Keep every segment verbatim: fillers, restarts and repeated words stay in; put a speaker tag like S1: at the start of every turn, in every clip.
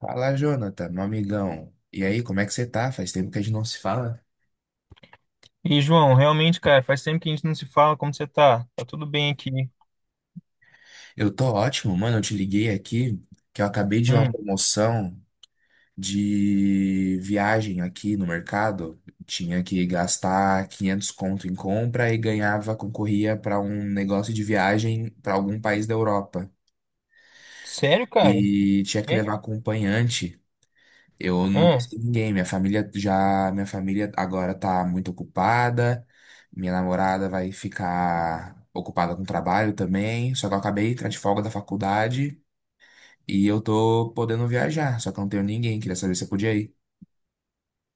S1: Fala, Jonathan, meu amigão. E aí, como é que você tá? Faz tempo que a gente não se fala.
S2: E, João, realmente, cara, faz tempo que a gente não se fala. Como você tá? Tá tudo bem aqui?
S1: Eu tô ótimo, mano. Eu te liguei aqui que eu acabei de uma
S2: Hum,
S1: promoção de viagem aqui no mercado. Tinha que gastar quinhentos conto em compra e ganhava, concorria para um negócio de viagem para algum país da Europa.
S2: sério, cara?
S1: E tinha que
S2: E.
S1: levar acompanhante. Eu não
S2: Hum.
S1: conheci ninguém. Minha família já, minha família agora tá muito ocupada. Minha namorada vai ficar ocupada com trabalho também. Só que eu acabei de entrar de folga da faculdade e eu tô podendo viajar. Só que eu não tenho ninguém. Queria saber se eu podia ir.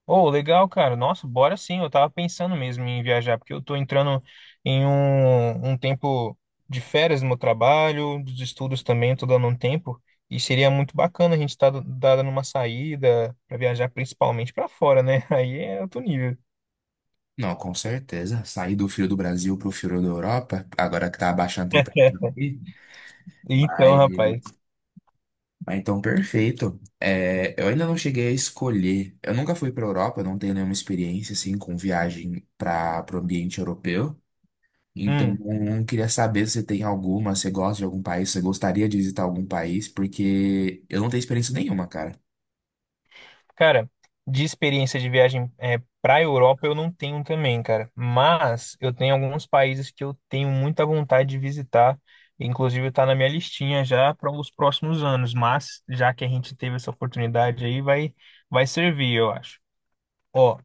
S2: Oh, legal, cara. Nossa, bora sim. Eu tava pensando mesmo em viajar, porque eu tô entrando em um, um tempo de férias no meu trabalho, dos estudos também, tô dando um tempo. E seria muito bacana a gente estar tá dando uma saída pra viajar principalmente pra fora, né? Aí é outro nível.
S1: Não, com certeza. Sair do frio do Brasil pro frio da Europa, agora que tá abaixando a temperatura aqui.
S2: Então,
S1: Mas
S2: rapaz.
S1: ah, então, perfeito. É, eu ainda não cheguei a escolher. Eu nunca fui para a Europa, não tenho nenhuma experiência assim com viagem para o ambiente europeu. Então,
S2: Hum.
S1: eu queria saber se você tem alguma, se você gosta de algum país, se você gostaria de visitar algum país, porque eu não tenho experiência nenhuma, cara.
S2: Cara, de experiência de viagem é, para Europa eu não tenho também, cara. Mas eu tenho alguns países que eu tenho muita vontade de visitar. Inclusive está na minha listinha já para os próximos anos. Mas já que a gente teve essa oportunidade aí, vai vai servir, eu acho. Ó,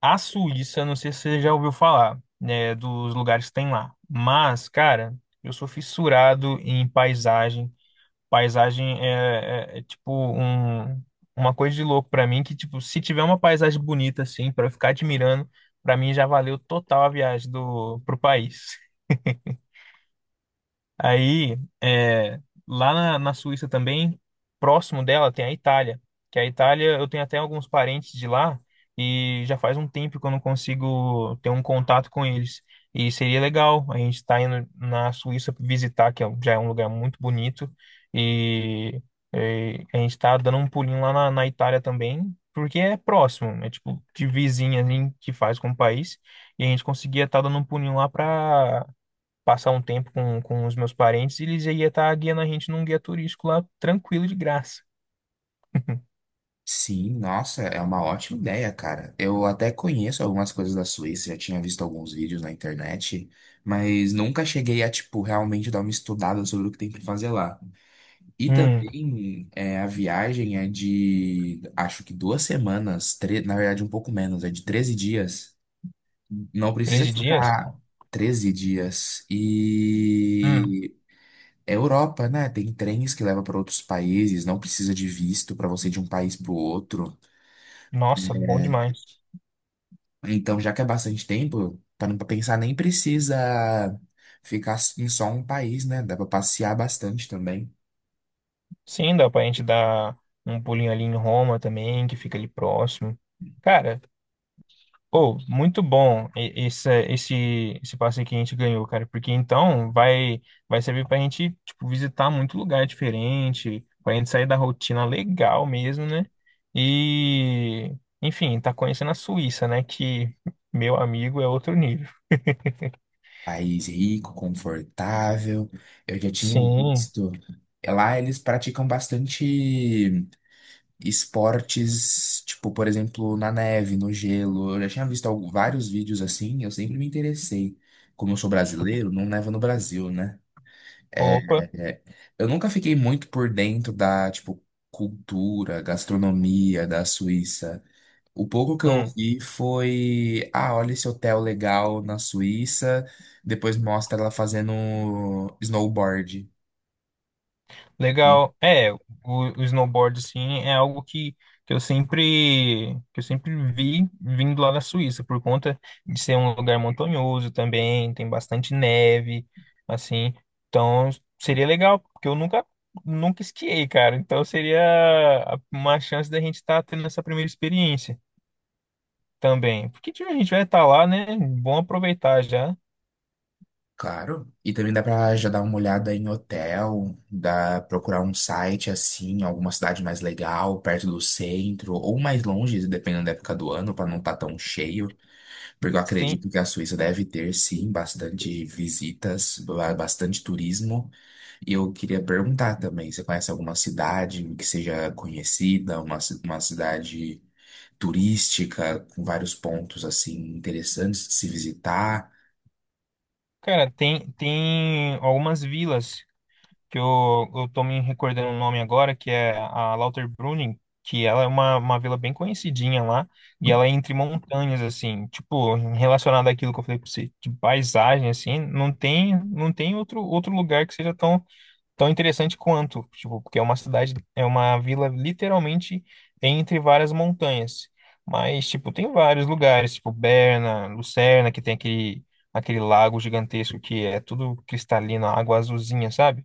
S2: a Suíça, não sei se você já ouviu falar, né, dos lugares que tem lá. Mas, cara, eu sou fissurado em paisagem. Paisagem é, é- é, tipo um, uma coisa de louco pra mim, que tipo, se tiver uma paisagem bonita assim pra eu ficar admirando, pra mim já valeu total a viagem do pro país. Aí, é, lá na, na Suíça também, próximo dela tem a Itália, que a Itália eu tenho até alguns parentes de lá, e já faz um tempo que eu não consigo ter um contato com eles. E seria legal a gente estar indo na Suíça visitar, que é- um- já é um lugar muito bonito, e, e a gente está dando um pulinho lá na, na Itália também, porque é próximo, é tipo de vizinha ali que faz com o país, e a gente conseguia estar dando um pulinho lá para passar um tempo com, com os meus parentes, e eles ia estar guiando a gente num guia turístico lá, tranquilo, de graça.
S1: Sim, nossa, é uma ótima ideia, cara. Eu até conheço algumas coisas da Suíça, já tinha visto alguns vídeos na internet, mas nunca cheguei a, tipo, realmente dar uma estudada sobre o que tem para fazer lá. E
S2: Hum,
S1: também é, a viagem é de, acho que duas semanas, tre- na verdade um pouco menos, é de treze dias. Não precisa
S2: treze dias?
S1: ficar treze dias.
S2: Hum,
S1: E é Europa, né? Tem trens que levam para outros países, não precisa de visto para você ir de um país para o outro.
S2: nossa, bom demais.
S1: Então, já que é bastante tempo, para não pensar, nem precisa ficar em só um país, né? Dá para passear bastante também.
S2: Sim, dá pra gente dar um pulinho ali em Roma também, que fica ali próximo. Cara, oh, muito bom e- esse, esse, esse passeio que a gente ganhou, cara, porque então vai, vai servir pra gente, tipo, visitar muito lugar diferente, pra gente sair da rotina legal mesmo, né? E, enfim, tá conhecendo a Suíça, né? Que, meu amigo, é outro nível.
S1: País rico, confortável. Eu já tinha
S2: Sim,
S1: visto. Lá eles praticam bastante esportes, tipo, por exemplo, na neve, no gelo. Eu já tinha visto algu- vários vídeos assim, eu sempre me interessei. Como eu sou brasileiro, não neva no Brasil, né? É,
S2: opa.
S1: é, é. Eu nunca fiquei muito por dentro da, tipo, cultura, gastronomia da Suíça. O pouco que eu
S2: Hum.
S1: vi foi, ah, olha esse hotel legal na Suíça, depois mostra ela fazendo snowboard, né?
S2: Legal. É, o, o snowboard, assim, é algo que, que eu sempre, que eu sempre vi vindo lá da Suíça, por conta de ser um lugar montanhoso também, tem bastante neve, assim. Então, seria legal, porque eu nunca, nunca esquiei, cara. Então, seria a- uma chance da gente estar tendo essa primeira experiência também. Porque tipo, a gente vai estar lá, né? Bom aproveitar já.
S1: Claro. E também dá pra já dar uma olhada em hotel, dá procurar um site assim, alguma cidade mais legal, perto do centro, ou mais longe, dependendo da época do ano, pra não estar tão cheio. Porque eu
S2: Sim.
S1: acredito que a Suíça deve ter, sim, bastante visitas, ba- bastante turismo. E eu queria perguntar também, você conhece alguma cidade que seja conhecida, uma, ci- uma cidade turística com vários pontos assim interessantes de se visitar?
S2: Cara, tem, tem algumas vilas que eu, eu tô me recordando o nome agora, que é a Lauterbrunnen, que ela é uma, uma vila bem conhecidinha lá, e ela é entre montanhas, assim, tipo, relacionado àquilo que eu falei pra você, de paisagem. Assim, não tem, não tem outro, outro lugar que seja tão, tão interessante quanto, tipo, porque é uma cidade, é uma vila literalmente entre várias montanhas. Mas, tipo, tem vários lugares, tipo Berna, Lucerna, que tem aquele, aquele lago gigantesco que é tudo cristalino, água azulzinha, sabe?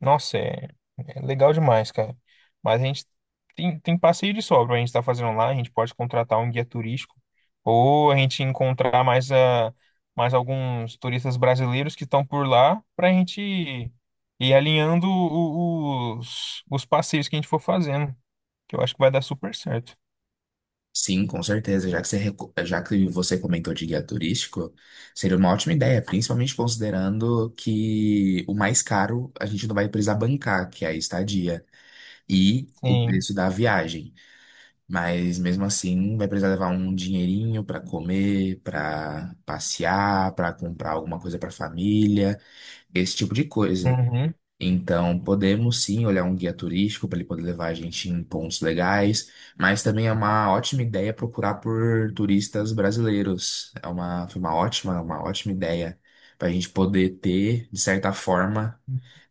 S2: Nossa, é, é legal demais, cara. Mas a gente tem, tem passeio de sobra, a gente tá fazendo lá, a gente pode contratar um guia turístico, ou a gente encontrar mais, a mais alguns turistas brasileiros que estão por lá pra gente ir, ir alinhando o- os, os passeios que a gente for fazendo, que eu acho que vai dar super certo.
S1: Sim, com certeza. Já que você, reco- já que você comentou de guia turístico, seria uma ótima ideia, principalmente considerando que o mais caro a gente não vai precisar bancar, que é a estadia, e o
S2: Sim.
S1: preço da viagem. Mas mesmo assim, vai precisar levar um dinheirinho para comer, para passear, para comprar alguma coisa para família, esse tipo de coisa.
S2: Uhum.
S1: Então, podemos sim olhar um guia turístico para ele poder levar a gente em pontos legais, mas também é uma ótima ideia procurar por turistas brasileiros. É uma, foi uma ótima, uma ótima ideia para a gente poder ter, de certa forma,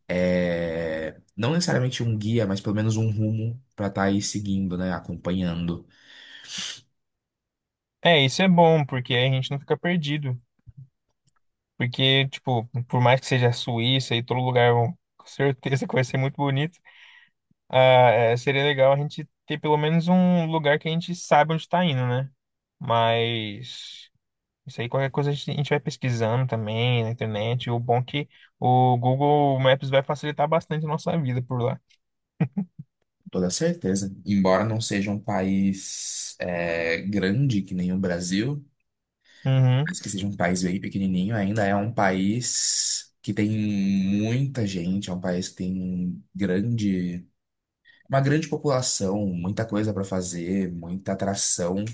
S1: é, não necessariamente um guia, mas pelo menos um rumo para estar aí seguindo, né, acompanhando.
S2: É, isso é bom, porque aí a gente não fica perdido. Porque, tipo, por mais que seja a Suíça e todo lugar, com certeza que vai ser muito bonito. Ah, é, seria legal a gente ter pelo menos um lugar que a gente saiba onde está indo, né? Mas isso aí, qualquer coisa a gente, a gente vai pesquisando também na internet. O bom é que o Google Maps vai facilitar bastante a nossa vida por lá.
S1: Toda certeza. Embora não seja um país é, grande que nem o Brasil,
S2: Uhum.
S1: mas que seja um país bem pequenininho, ainda é um país que tem muita gente, é um país que tem grande, uma grande população, muita coisa para fazer, muita atração.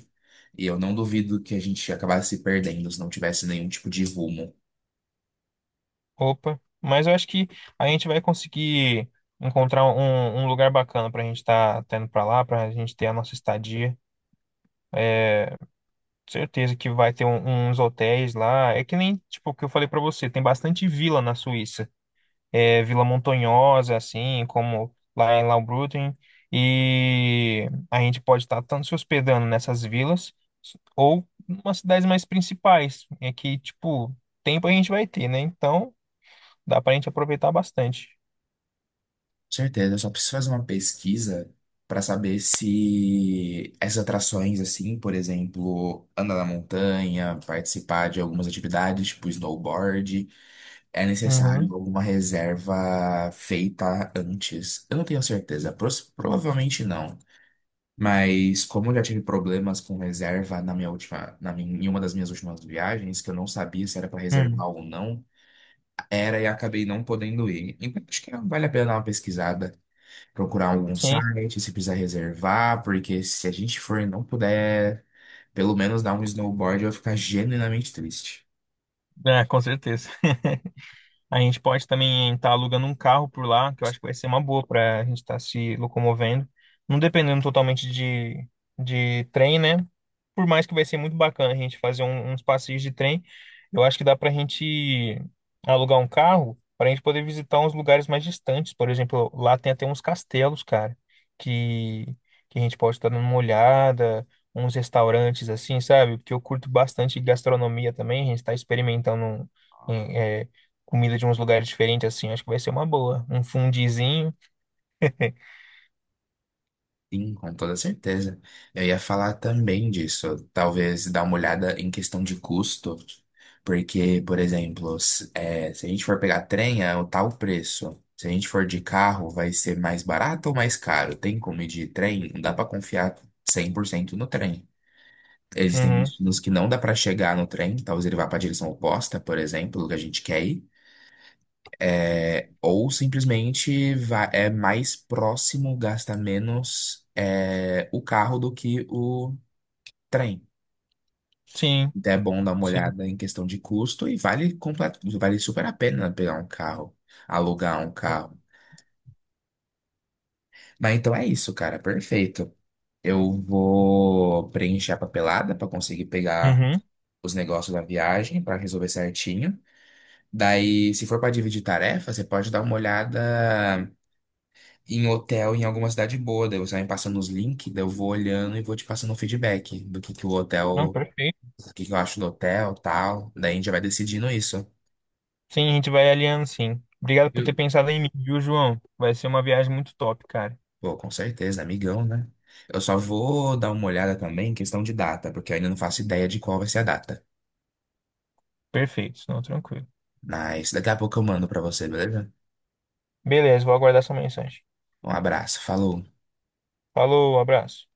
S1: E eu não duvido que a gente acabasse se perdendo se não tivesse nenhum tipo de rumo.
S2: Opa. Mas eu acho que a gente vai conseguir encontrar um, um lugar bacana pra gente estar tá, tá indo pra lá, pra gente ter a nossa estadia. Certeza que vai ter um- uns hotéis lá. É que nem, tipo, o que eu falei pra você, tem bastante vila na Suíça. É, Vila Montanhosa, assim, como lá em Laubrunten, e a gente pode estar tanto se hospedando nessas vilas ou umas cidades mais principais, é que, tipo, tempo a gente vai ter, né? Então, dá pra gente aproveitar bastante.
S1: Certeza, eu só preciso fazer uma pesquisa para saber se essas atrações, assim, por exemplo, andar na montanha, participar de algumas atividades, tipo snowboard, é necessário
S2: Uhum.
S1: alguma reserva feita antes. Eu não tenho certeza, pros- provavelmente não. Mas como eu já tive problemas com reserva na minha última, na minha, em uma das minhas últimas viagens, que eu não sabia se era para
S2: Hum.
S1: reservar ou não, era e acabei não podendo ir. Então acho que vale a pena dar uma pesquisada, procurar algum
S2: Sim,
S1: site, se precisar reservar, porque se a gente for e não puder, pelo menos dar um snowboard, eu vou ficar genuinamente triste.
S2: é, com certeza. A gente pode também estar alugando um carro por lá, que eu acho que vai ser uma boa para a gente estar se locomovendo. Não dependendo totalmente de, de trem, né? Por mais que vai ser muito bacana a gente fazer um- uns passeios de trem, eu acho que dá para a gente alugar um carro para a gente poder visitar uns lugares mais distantes. Por exemplo, lá tem até uns castelos, cara, que, que a gente pode estar dando uma olhada, uns restaurantes assim, sabe? Porque eu curto bastante gastronomia também, a gente está experimentando. um- Comida de uns lugares diferentes, assim, acho que vai ser uma boa. Um fundizinho.
S1: Sim, com toda certeza. Eu ia falar também disso, talvez dar uma olhada em questão de custo, porque, por exemplo, se, é, se a gente for pegar trem, é o tal preço. Se a gente for de carro, vai ser mais barato ou mais caro? Tem como ir de trem? Não dá para confiar cem por cento no trem. Existem
S2: Uhum.
S1: destinos que não dá para chegar no trem, talvez ele vá para a direção oposta, por exemplo, que a gente quer ir. É, ou simplesmente vá, é mais próximo, gasta menos é, o carro do que o trem.
S2: Sim,
S1: Então é bom dar uma
S2: sim.
S1: olhada em questão de custo e vale, complet- vale super a pena pegar um carro, alugar um carro. Mas então é isso, cara, perfeito. Eu vou preencher a papelada para conseguir pegar
S2: Uhum.
S1: os negócios da viagem, para resolver certinho. Daí, se for para dividir tarefa, você pode dar uma olhada em hotel em alguma cidade boa. Daí você vai me passando os links, daí eu vou olhando e vou te passando um feedback do que que o
S2: Não,
S1: hotel,
S2: perfeito.
S1: o que que eu acho do hotel, tal. Daí a gente já vai decidindo isso.
S2: Sim, a gente vai alinhando, sim. Obrigado por ter
S1: Eu-
S2: pensado em mim, viu, João? Vai ser uma viagem muito top, cara.
S1: pô, com certeza, amigão, né? Eu só vou dar uma olhada também em questão de data, porque eu ainda não faço ideia de qual vai ser a data.
S2: Perfeito, não, tranquilo.
S1: Mas daqui a pouco eu mando para você, beleza?
S2: Beleza, vou aguardar sua mensagem.
S1: Um abraço, falou.
S2: Falou, abraço.